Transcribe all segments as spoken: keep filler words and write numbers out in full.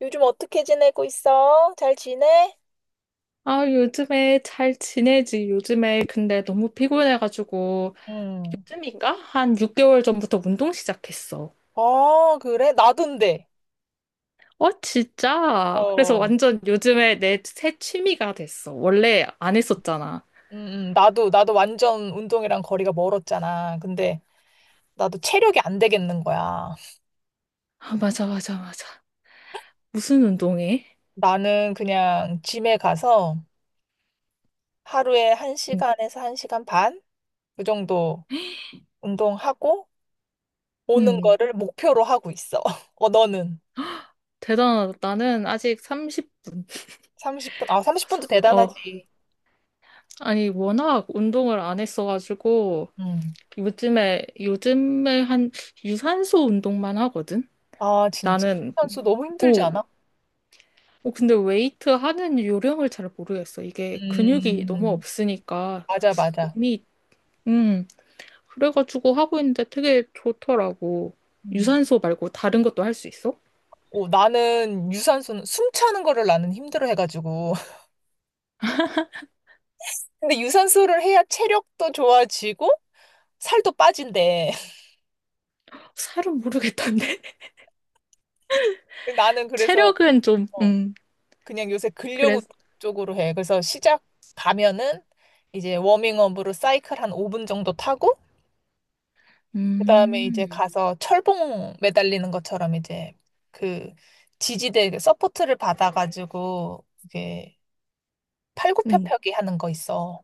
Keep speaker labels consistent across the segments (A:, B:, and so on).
A: 요즘 어떻게 지내고 있어? 잘 지내?
B: 아, 요즘에 잘 지내지. 요즘에 근데 너무 피곤해가지고,
A: 음.
B: 요즘인가? 한 육 개월 전부터 운동 시작했어.
A: 아, 그래? 나도인데.
B: 어, 진짜? 그래서
A: 어.
B: 완전 요즘에 내 새 취미가 됐어. 원래 안 했었잖아.
A: 음, 음. 나도, 나도 완전 운동이랑 거리가 멀었잖아. 근데 나도 체력이 안 되겠는 거야.
B: 아, 맞아, 맞아, 맞아. 무슨 운동해?
A: 나는 그냥 짐에 가서 하루에
B: 응,
A: 한시간에서한시간 반? 그 정도 운동하고 오는
B: 응.
A: 거를 목표로 하고 있어. 어, 너는?
B: 대단하다. 나는 아직 삼십 분.
A: 삼십 분? 아, 삼십 분도
B: 어,
A: 대단하지.
B: 아니, 워낙 운동을 안 했어가지고,
A: 음.
B: 요즘에, 요즘에 한 유산소 운동만 하거든?
A: 아, 진짜.
B: 나는,
A: 선수 너무 힘들지
B: 어,
A: 않아?
B: 어, 근데 웨이트 하는 요령을 잘 모르겠어. 이게 근육이 너무
A: 음,
B: 없으니까
A: 맞아, 맞아.
B: 몸이, 음, 그래가지고 하고 있는데 되게 좋더라고.
A: 음.
B: 유산소 말고 다른 것도 할 수 있어?
A: 어, 나는 유산소는 숨 차는 거를 나는 힘들어 해가지고. 근데 유산소를 해야 체력도 좋아지고 살도 빠진대.
B: 살은 모르겠던데.
A: 나는 그래서
B: 체력은 좀,
A: 어,
B: 음,
A: 그냥 요새 근력 운동
B: 그래서,
A: 쪽으로 해. 그래서 시작 가면은 이제 워밍업으로 사이클 한 오 분 정도 타고 그다음에 이제
B: 음,
A: 가서 철봉 매달리는 것처럼 이제 그 지지대 그 서포트를 받아가지고 이게
B: 음.
A: 팔굽혀펴기 하는 거 있어.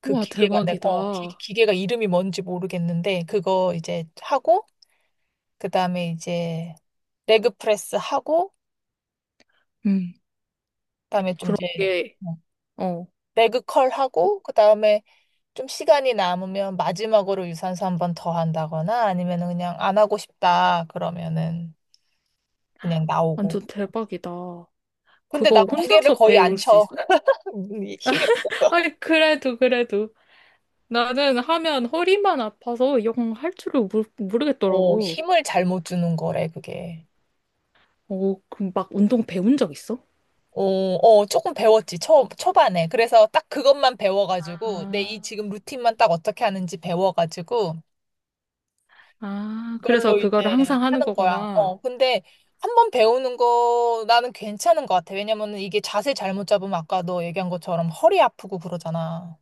A: 그
B: 우와,
A: 기계가 내, 어, 기,
B: 대박이다.
A: 기계가 이름이 뭔지 모르겠는데 그거 이제 하고 그다음에 이제 레그 프레스 하고
B: 음,
A: 그다음에 좀 이제
B: 그렇게,
A: 어,
B: 어,
A: 레그 컬 하고 그다음에 좀 시간이 남으면 마지막으로 유산소 한 번 더 한다거나 아니면은 그냥 안 하고 싶다 그러면은 그냥 나오고.
B: 완전 대박이다.
A: 근데 나
B: 그거
A: 무게를
B: 혼자서
A: 거의 안
B: 배울 수
A: 쳐.
B: 있어?
A: 힘이 없어서.
B: 아니, 그래도, 그래도. 나는 하면 허리만 아파서 영 할 줄을 모르,
A: 어,
B: 모르겠더라고.
A: 힘을 잘못 주는 거래, 그게.
B: 오, 그럼 막 운동 배운 적 있어?
A: 어, 어, 조금 배웠지, 초, 초반에. 그래서 딱 그것만 배워가지고, 내
B: 아,
A: 이 지금 루틴만 딱 어떻게 하는지 배워가지고,
B: 아, 그래서
A: 그걸로
B: 그거를
A: 이제
B: 항상 하는
A: 하는 거야.
B: 거구나.
A: 어, 근데 한번 배우는 거 나는 괜찮은 것 같아. 왜냐면은 이게 자세 잘못 잡으면 아까 너 얘기한 것처럼 허리 아프고 그러잖아.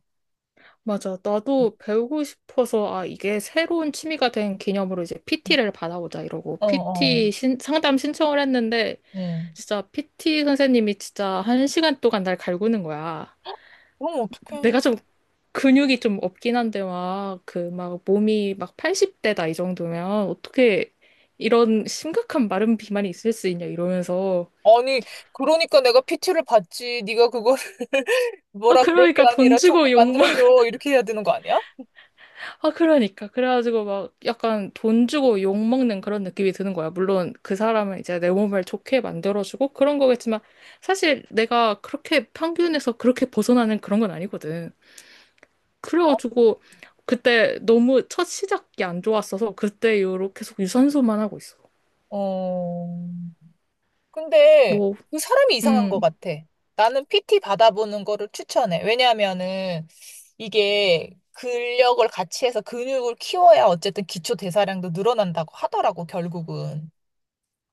B: 맞아. 나도 배우고 싶어서, 아, 이게 새로운 취미가 된 기념으로 이제 피티를 받아보자, 이러고.
A: 어, 어,
B: 피티 신, 상담 신청을 했는데,
A: 응.
B: 진짜 피티 선생님이 진짜 한 시간 동안 날 갈구는 거야.
A: 그럼
B: 내가
A: 어떡해.
B: 좀 근육이 좀 없긴 한데 막 그 막 몸이 막 팔십 대다 이 정도면 어떻게 이런 심각한 마른 비만이 있을 수 있냐 이러면서.
A: 아니, 그러니까 내가 피티를 받지. 네가 그거를
B: 아
A: 뭐라 그럴 게
B: 그러니까 돈
A: 아니라 좋게
B: 주고 욕먹
A: 만들어줘. 이렇게 해야 되는 거 아니야?
B: 아, 그러니까 그래가지고 막 약간 돈 주고 욕먹는 그런 느낌이 드는 거야. 물론 그 사람은 이제 내 몸을 좋게 만들어주고 그런 거겠지만 사실 내가 그렇게 평균에서 그렇게 벗어나는 그런 건 아니거든. 그래가지고 그때 너무 첫 시작이 안 좋았어서 그때 이후로 계속 유산소만 하고 있어.
A: 어, 근데
B: 뭐
A: 그 사람이 이상한 것
B: 응.
A: 같아. 나는 피티 받아보는 거를 추천해. 왜냐하면은 이게 근력을 같이 해서 근육을 키워야 어쨌든 기초 대사량도 늘어난다고 하더라고, 결국은.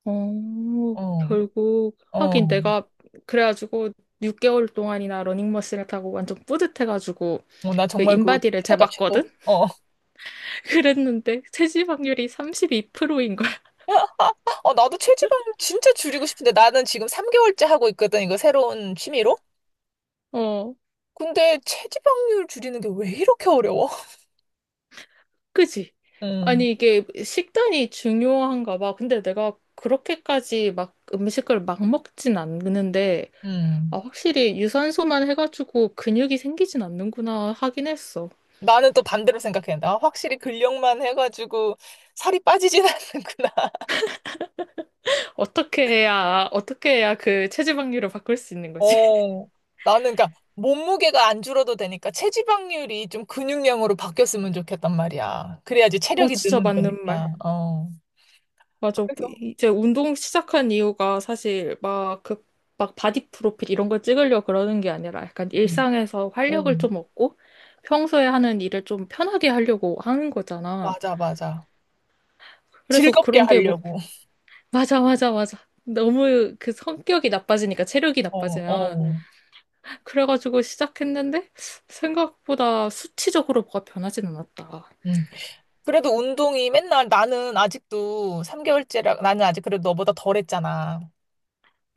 B: 어,
A: 어,
B: 결국, 하긴
A: 어.
B: 내가, 그래가지고, 육 개월 동안이나 러닝머신을 타고 완전 뿌듯해가지고,
A: 어, 나
B: 그
A: 정말 그거
B: 인바디를
A: 최고다, 최고.
B: 재봤거든?
A: 어.
B: 그랬는데, 체지방률이 삼십이 프로인 거야.
A: 어, 나도 체지방 진짜 줄이고 싶은데 나는 지금 삼 개월째 하고 있거든, 이거 새로운 취미로.
B: 어,
A: 근데 체지방률 줄이는 게 왜 이렇게 어려워?
B: 그지?
A: 음,
B: 아니, 이게 식단이 중요한가 봐. 근데 내가 그렇게까지 막 음식을 막 먹진 않는데, 아,
A: 음.
B: 확실히 유산소만 해가지고 근육이 생기진 않는구나 하긴 했어.
A: 나는 또 반대로 생각해. 나 확실히 근력만 해가지고 살이 빠지진 않는구나.
B: 어떻게 해야, 어떻게 해야 그 체지방률을 바꿀 수 있는 거지?
A: 어, 나는 그러니까 몸무게가 안 줄어도 되니까 체지방률이 좀 근육량으로 바뀌었으면 좋겠단 말이야. 그래야지
B: 어,
A: 체력이
B: 진짜
A: 느는
B: 맞는
A: 거니까.
B: 말.
A: 어.
B: 맞아.
A: 그래서,
B: 이제 운동 시작한 이유가 사실 막 그, 막 바디 프로필 이런 걸 찍으려고 그러는 게 아니라 약간
A: 음,
B: 일상에서 활력을
A: 어.
B: 좀 얻고 평소에 하는 일을 좀 편하게 하려고 하는 거잖아.
A: 맞아, 맞아.
B: 그래서
A: 즐겁게
B: 그런 게 뭐,
A: 하려고.
B: 맞아, 맞아, 맞아. 너무 그 성격이 나빠지니까 체력이
A: 어,
B: 나빠지면.
A: 어.
B: 그래가지고 시작했는데 생각보다 수치적으로 뭐가 변하진 않았다.
A: 음. 그래도 운동이 맨날 나는 아직도 삼 개월째라 나는 아직 그래도 너보다 덜 했잖아.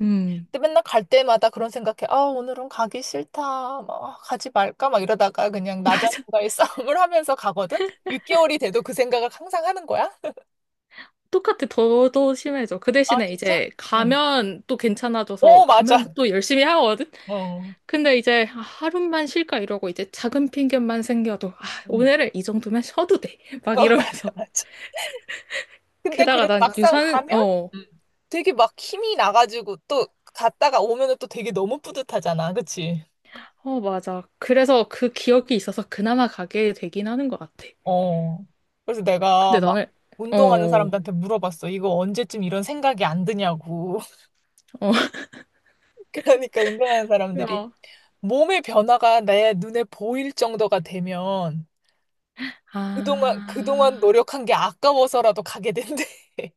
B: 음.
A: 근데 맨날 갈 때마다 그런 생각해. 아, 오늘은 가기 싫다. 막, 아, 가지 말까? 막 이러다가 그냥 나
B: 맞아.
A: 자신과의 싸움을 하면서 가거든? 육 개월이 돼도 그 생각을 항상 하는 거야?
B: 똑같아. 더, 더 심해져. 그
A: 아,
B: 대신에
A: 진짜?
B: 이제
A: 응.
B: 가면 또 괜찮아져서
A: 오, 맞아.
B: 가면 또 열심히 하거든?
A: 어.
B: 근데 이제 아, 하루만 쉴까 이러고 이제 작은 핑계만 생겨도 아,
A: 응.
B: 오늘은 이 정도면 쉬어도 돼. 막
A: 어, 맞아,
B: 이러면서.
A: 맞아. 근데
B: 게다가
A: 그래도
B: 난
A: 막상
B: 유산,
A: 가면
B: 어,
A: 음. 되게 막 힘이 나가지고 또 갔다가 오면은 또 되게 너무 뿌듯하잖아. 그치?
B: 어, 맞아. 그래서 그 기억이 있어서 그나마 가게 되긴 하는 것 같아.
A: 어. 그래서 내가
B: 근데
A: 막
B: 나는,
A: 운동하는
B: 어,
A: 사람들한테 물어봤어. 이거 언제쯤 이런 생각이 안 드냐고.
B: 어,
A: 그러니까 운동하는 사람들이
B: 야.
A: 몸의 변화가 내 눈에 보일 정도가 되면 그동안, 그동안
B: 아,
A: 노력한 게 아까워서라도 가게 된대.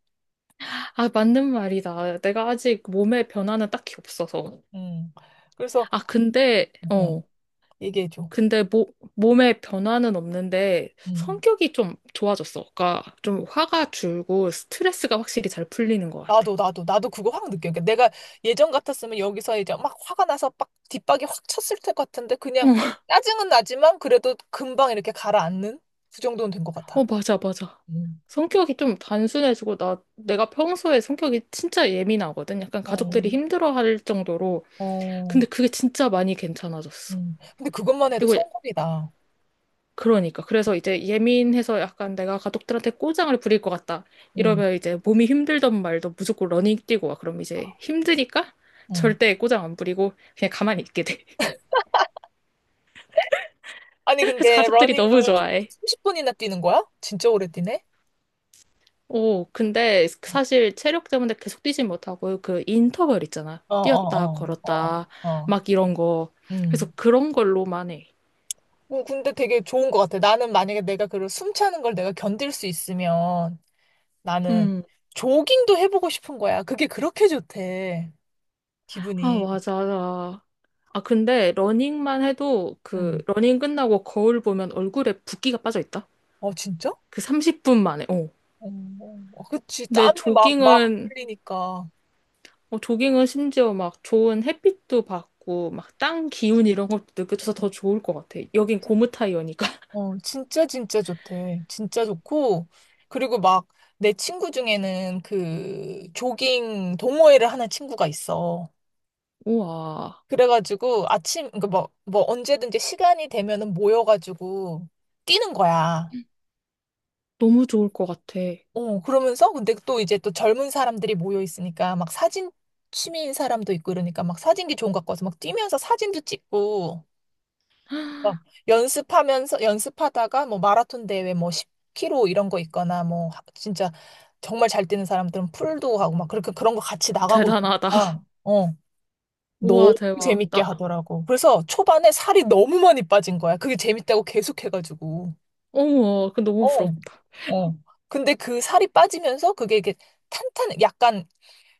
B: 아, 맞는 말이다. 내가 아직 몸의 변화는 딱히 없어서.
A: 음. 그래서,
B: 아, 근데,
A: 어,
B: 어.
A: 얘기해줘.
B: 근데 모, 몸에 변화는 없는데
A: 음.
B: 성격이 좀 좋아졌어. 그러니까 좀 화가 줄고 스트레스가 확실히 잘 풀리는 것 같아.
A: 나도, 나도, 나도 그거 확 느껴. 그러니까 내가 예전 같았으면 여기서 이제 막 화가 나서 빡 뒷박이 확 쳤을 것 같은데 그냥 짜증은 나지만 그래도 금방 이렇게 가라앉는 그 정도는 된 것
B: 어, 어,
A: 같아.
B: 맞아, 맞아.
A: 음,
B: 성격이 좀 단순해지고 나 내가 평소에 성격이 진짜 예민하거든. 약간
A: 어,
B: 가족들이 힘들어할 정도로.
A: 어,
B: 근데 그게 진짜 많이 괜찮아졌어.
A: 음. 근데 그것만 해도
B: 그리고
A: 성공이다.
B: 그러니까. 그래서 이제 예민해서 약간 내가 가족들한테 꼬장을 부릴 것 같다.
A: 음,
B: 이러면 이제 몸이 힘들던 말도 무조건 러닝 뛰고 와. 그럼 이제 힘드니까
A: 음.
B: 절대 꼬장 안 부리고 그냥 가만히 있게 돼.
A: 아니,
B: 그래서
A: 근데
B: 가족들이
A: 러닝을
B: 너무 좋아해.
A: 삼십 분이나 뛰는 거야? 진짜 오래 뛰네?
B: 오, 근데 사실 체력 때문에 계속 뛰진 못하고 그 인터벌 있잖아.
A: 어,
B: 뛰었다,
A: 어, 어, 어,
B: 걸었다,
A: 어. 어.
B: 막 이런 거. 그래서
A: 음.
B: 그런 걸로만 해.
A: 어, 근데 되게 좋은 것 같아. 나는 만약에 내가 그런 숨 차는 걸 내가 견딜 수 있으면 나는
B: 음.
A: 조깅도 해보고 싶은 거야. 그게 그렇게 좋대.
B: 아,
A: 기분이.
B: 맞아. 맞아. 아, 근데 러닝만 해도 그
A: 음.
B: 러닝 끝나고 거울 보면 얼굴에 붓기가 빠져 있다.
A: 어, 진짜?
B: 그 삼십 분 만에, 어.
A: 어, 어. 어, 그치.
B: 근데
A: 땀이 막, 막
B: 조깅은,
A: 흘리니까.
B: 어, 조깅은 심지어 막 좋은 햇빛도 받고, 막 땅 기운 이런 것도 느껴져서 더 좋을 것 같아. 여긴 고무 타이어니까.
A: 어, 진짜 진짜 좋대. 진짜 좋고 그리고 막 내 친구 중에는 그 조깅 동호회를 하는 친구가 있어.
B: 우와,
A: 그래가지고 아침 그뭐뭐 언제든지 시간이 되면은 모여가지고 뛰는 거야.
B: 너무 좋을 것 같아.
A: 어, 그러면서 근데 또 이제 또 젊은 사람들이 모여 있으니까 막 사진 취미인 사람도 있고 이러니까 막 사진기 좋은 거 갖고 와서 막 뛰면서 사진도 찍고 어, 연습하면서 연습하다가 뭐 마라톤 대회 뭐 십 킬로미터 이런 거 있거나 뭐 하- 진짜 정말 잘 뛰는 사람들은 풀도 하고 막 그렇게 그런 거 같이 나가고
B: 대단하다.
A: 있으니까 어 너무
B: 우와, 대박.
A: 재밌게
B: 나,
A: 하더라고. 그래서 초반에 살이 너무 많이 빠진 거야. 그게 재밌다고 계속 해가지고.
B: 어머, 그 너무
A: 어,
B: 부럽다.
A: 어. 근데 그 살이 빠지면서 그게 이게 탄탄 약간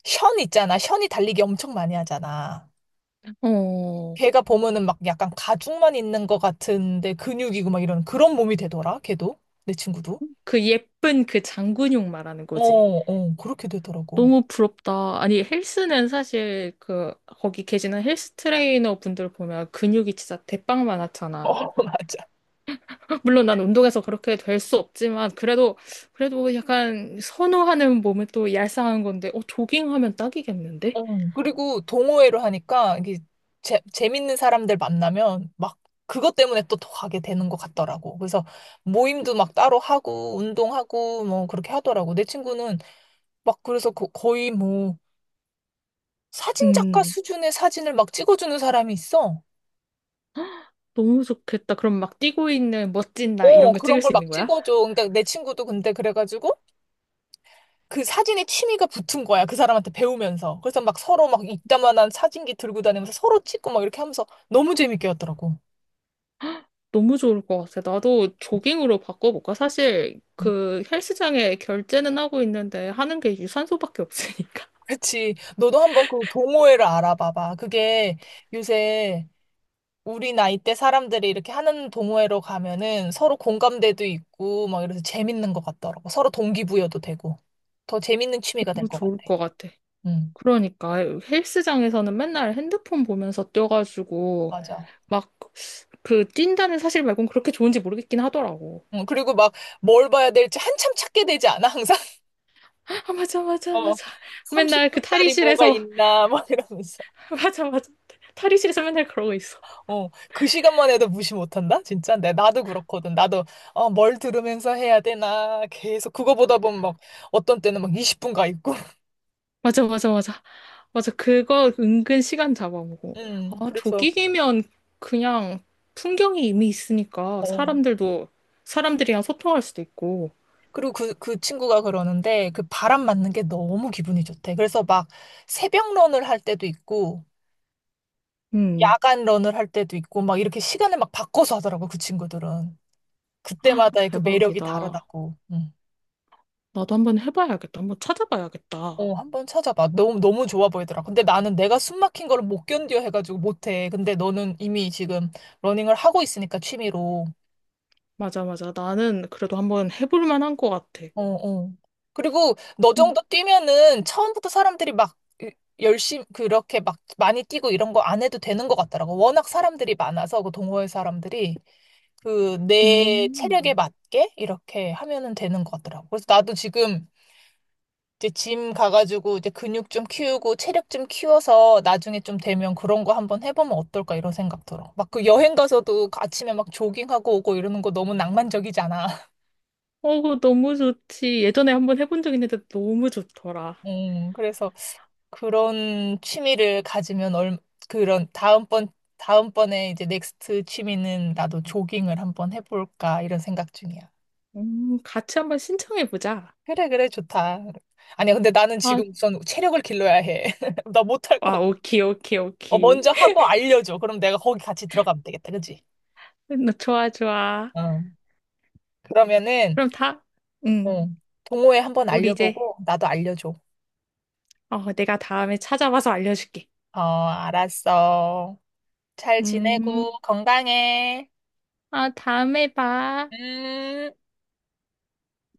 A: 션 있잖아. 션이 달리기 엄청 많이 하잖아.
B: 어,
A: 걔가 보면은 막 약간 가죽만 있는 것 같은데 근육이고 막 이런 그런 몸이 되더라, 걔도. 내 친구도.
B: 그 예쁜 그 장근육 말하는
A: 어,
B: 거지.
A: 어, 그렇게 되더라고.
B: 너무 부럽다. 아니, 헬스는 사실 그, 거기 계시는 헬스 트레이너 분들 보면 근육이 진짜 대빵 많았잖아.
A: 어, 맞아.
B: 물론 난 운동해서 그렇게 될 수 없지만 그래도 그래도 약간 선호하는 몸에 또 얄쌍한 건데 어, 조깅하면 딱이겠는데?
A: 어. 그리고 동호회로 하니까 이게 재, 재밌는 사람들 만나면 막 그것 때문에 또 더 가게 되는 것 같더라고. 그래서 모임도 막 따로 하고 운동하고 뭐 그렇게 하더라고. 내 친구는 막 그래서 거- 거의 뭐 사진작가
B: 음,
A: 수준의 사진을 막 찍어주는 사람이 있어.
B: 너무 좋겠다. 그럼 막 뛰고 있는 멋진 나 이런
A: 어,
B: 거
A: 그런
B: 찍을
A: 걸
B: 수 있는
A: 막
B: 거야?
A: 찍어줘. 근데 내 친구도 근데 그래가지고 그 사진에 취미가 붙은 거야. 그 사람한테 배우면서. 그래서 막 서로 막 이따만한 사진기 들고 다니면서 서로 찍고 막 이렇게 하면서 너무 재밌게 했더라고.
B: 너무 좋을 것 같아. 나도 조깅으로 바꿔볼까? 사실
A: 응.
B: 그 헬스장에 결제는 하고 있는데 하는 게 유산소밖에 없으니까.
A: 그치. 너도 한번 그 동호회를 알아봐봐. 그게 요새 우리 나이 대 사람들이 이렇게 하는 동호회로 가면은 서로 공감대도 있고 막 이래서 재밌는 것 같더라고. 서로 동기부여도 되고. 더 재밌는 취미가 될
B: 너무
A: 것 같아.
B: 좋을 것 같아.
A: 응,
B: 그러니까 헬스장에서는 맨날 핸드폰 보면서 뛰어가지고
A: 맞아.
B: 막 그 뛴다는 사실 말고는 그렇게 좋은지 모르겠긴 하더라고.
A: 응, 그리고 막 뭘 봐야 될지 한참 찾게 되지 않아? 항상?
B: 아, 맞아, 맞아,
A: 어,
B: 맞아. 맨날 그
A: 삼십 분짜리 뭐가
B: 탈의실에서
A: 있나, 막 이러면서.
B: 맞아, 맞아. 탈의실에서 맨날 그러고 있어.
A: 어, 그 시간만 해도 무시 못한다? 진짜? 내, 나도 그렇거든. 나도, 어, 뭘 들으면서 해야 되나. 계속 그거 보다 보면 막, 어떤 때는 막 이십 분 가 있고.
B: 맞아, 맞아, 맞아. 맞아, 그거 은근 시간 잡아먹고.
A: 음,
B: 아,
A: 그래서,
B: 조깅이면 그냥 풍경이 이미 있으니까
A: 어.
B: 사람들도 사람들이랑 소통할 수도 있고.
A: 그리고 그, 그 친구가 그러는데, 그 바람 맞는 게 너무 기분이 좋대. 그래서 막, 새벽 런을 할 때도 있고,
B: 음,
A: 야간 런을 할 때도 있고, 막 이렇게 시간을 막 바꿔서 하더라고, 그 친구들은. 그때마다의 그 매력이
B: 대박이다.
A: 다르다고. 음.
B: 나도 한번 해봐야겠다. 한번 찾아봐야겠다.
A: 어, 한번 찾아봐. 너무, 너무 좋아 보이더라. 근데 나는 내가 숨 막힌 걸 못 견뎌 해가지고 못해. 근데 너는 이미 지금 러닝을 하고 있으니까 취미로.
B: 맞아, 맞아. 나는 그래도 한번 해볼 만한 것 같아.
A: 어, 어. 그리고 너
B: 음.
A: 정도 뛰면은 처음부터 사람들이 막 열심히 그렇게 막 많이 뛰고 이런 거 안 해도 되는 것 같더라고. 워낙 사람들이 많아서 그 동호회 사람들이 그 내 체력에
B: 음.
A: 맞게 이렇게 하면은 되는 것 같더라고. 그래서 나도 지금 이제 짐 가가지고 이제 근육 좀 키우고 체력 좀 키워서 나중에 좀 되면 그런 거 한번 해보면 어떨까 이런 생각 들어. 막 그 여행 가서도 아침에 막 조깅하고 오고 이러는 거 너무 낭만적이잖아.
B: 어, 그거 너무 좋지. 예전에 한번 해본 적 있는데 너무 좋더라.
A: 음, 그래서 그런 취미를 가지면 얼, 그런 다음번, 다음번에 이제 넥스트 취미는 나도 조깅을 한번 해볼까 이런 생각 중이야.
B: 음, 같이 한번 신청해보자.
A: 그래, 그래, 좋다. 아니야, 근데 나는
B: 아,
A: 지금 우선 체력을 길러야 해. 나 못할 것
B: 아, 오케이, 오케이,
A: 어,
B: 오케이.
A: 먼저 하고 알려줘. 그럼 내가 거기 같이 들어가면 되겠다, 그치?
B: 음, 좋아, 좋아.
A: 어. 그러면은,
B: 그럼 다, 응,
A: 어, 동호회 한번
B: 우리 이제,
A: 알려보고, 나도 알려줘.
B: 어, 내가 다음에 찾아봐서 알려줄게.
A: 어, 알았어. 잘
B: 음,
A: 지내고, 건강해.
B: 아, 다음에 봐.
A: 음.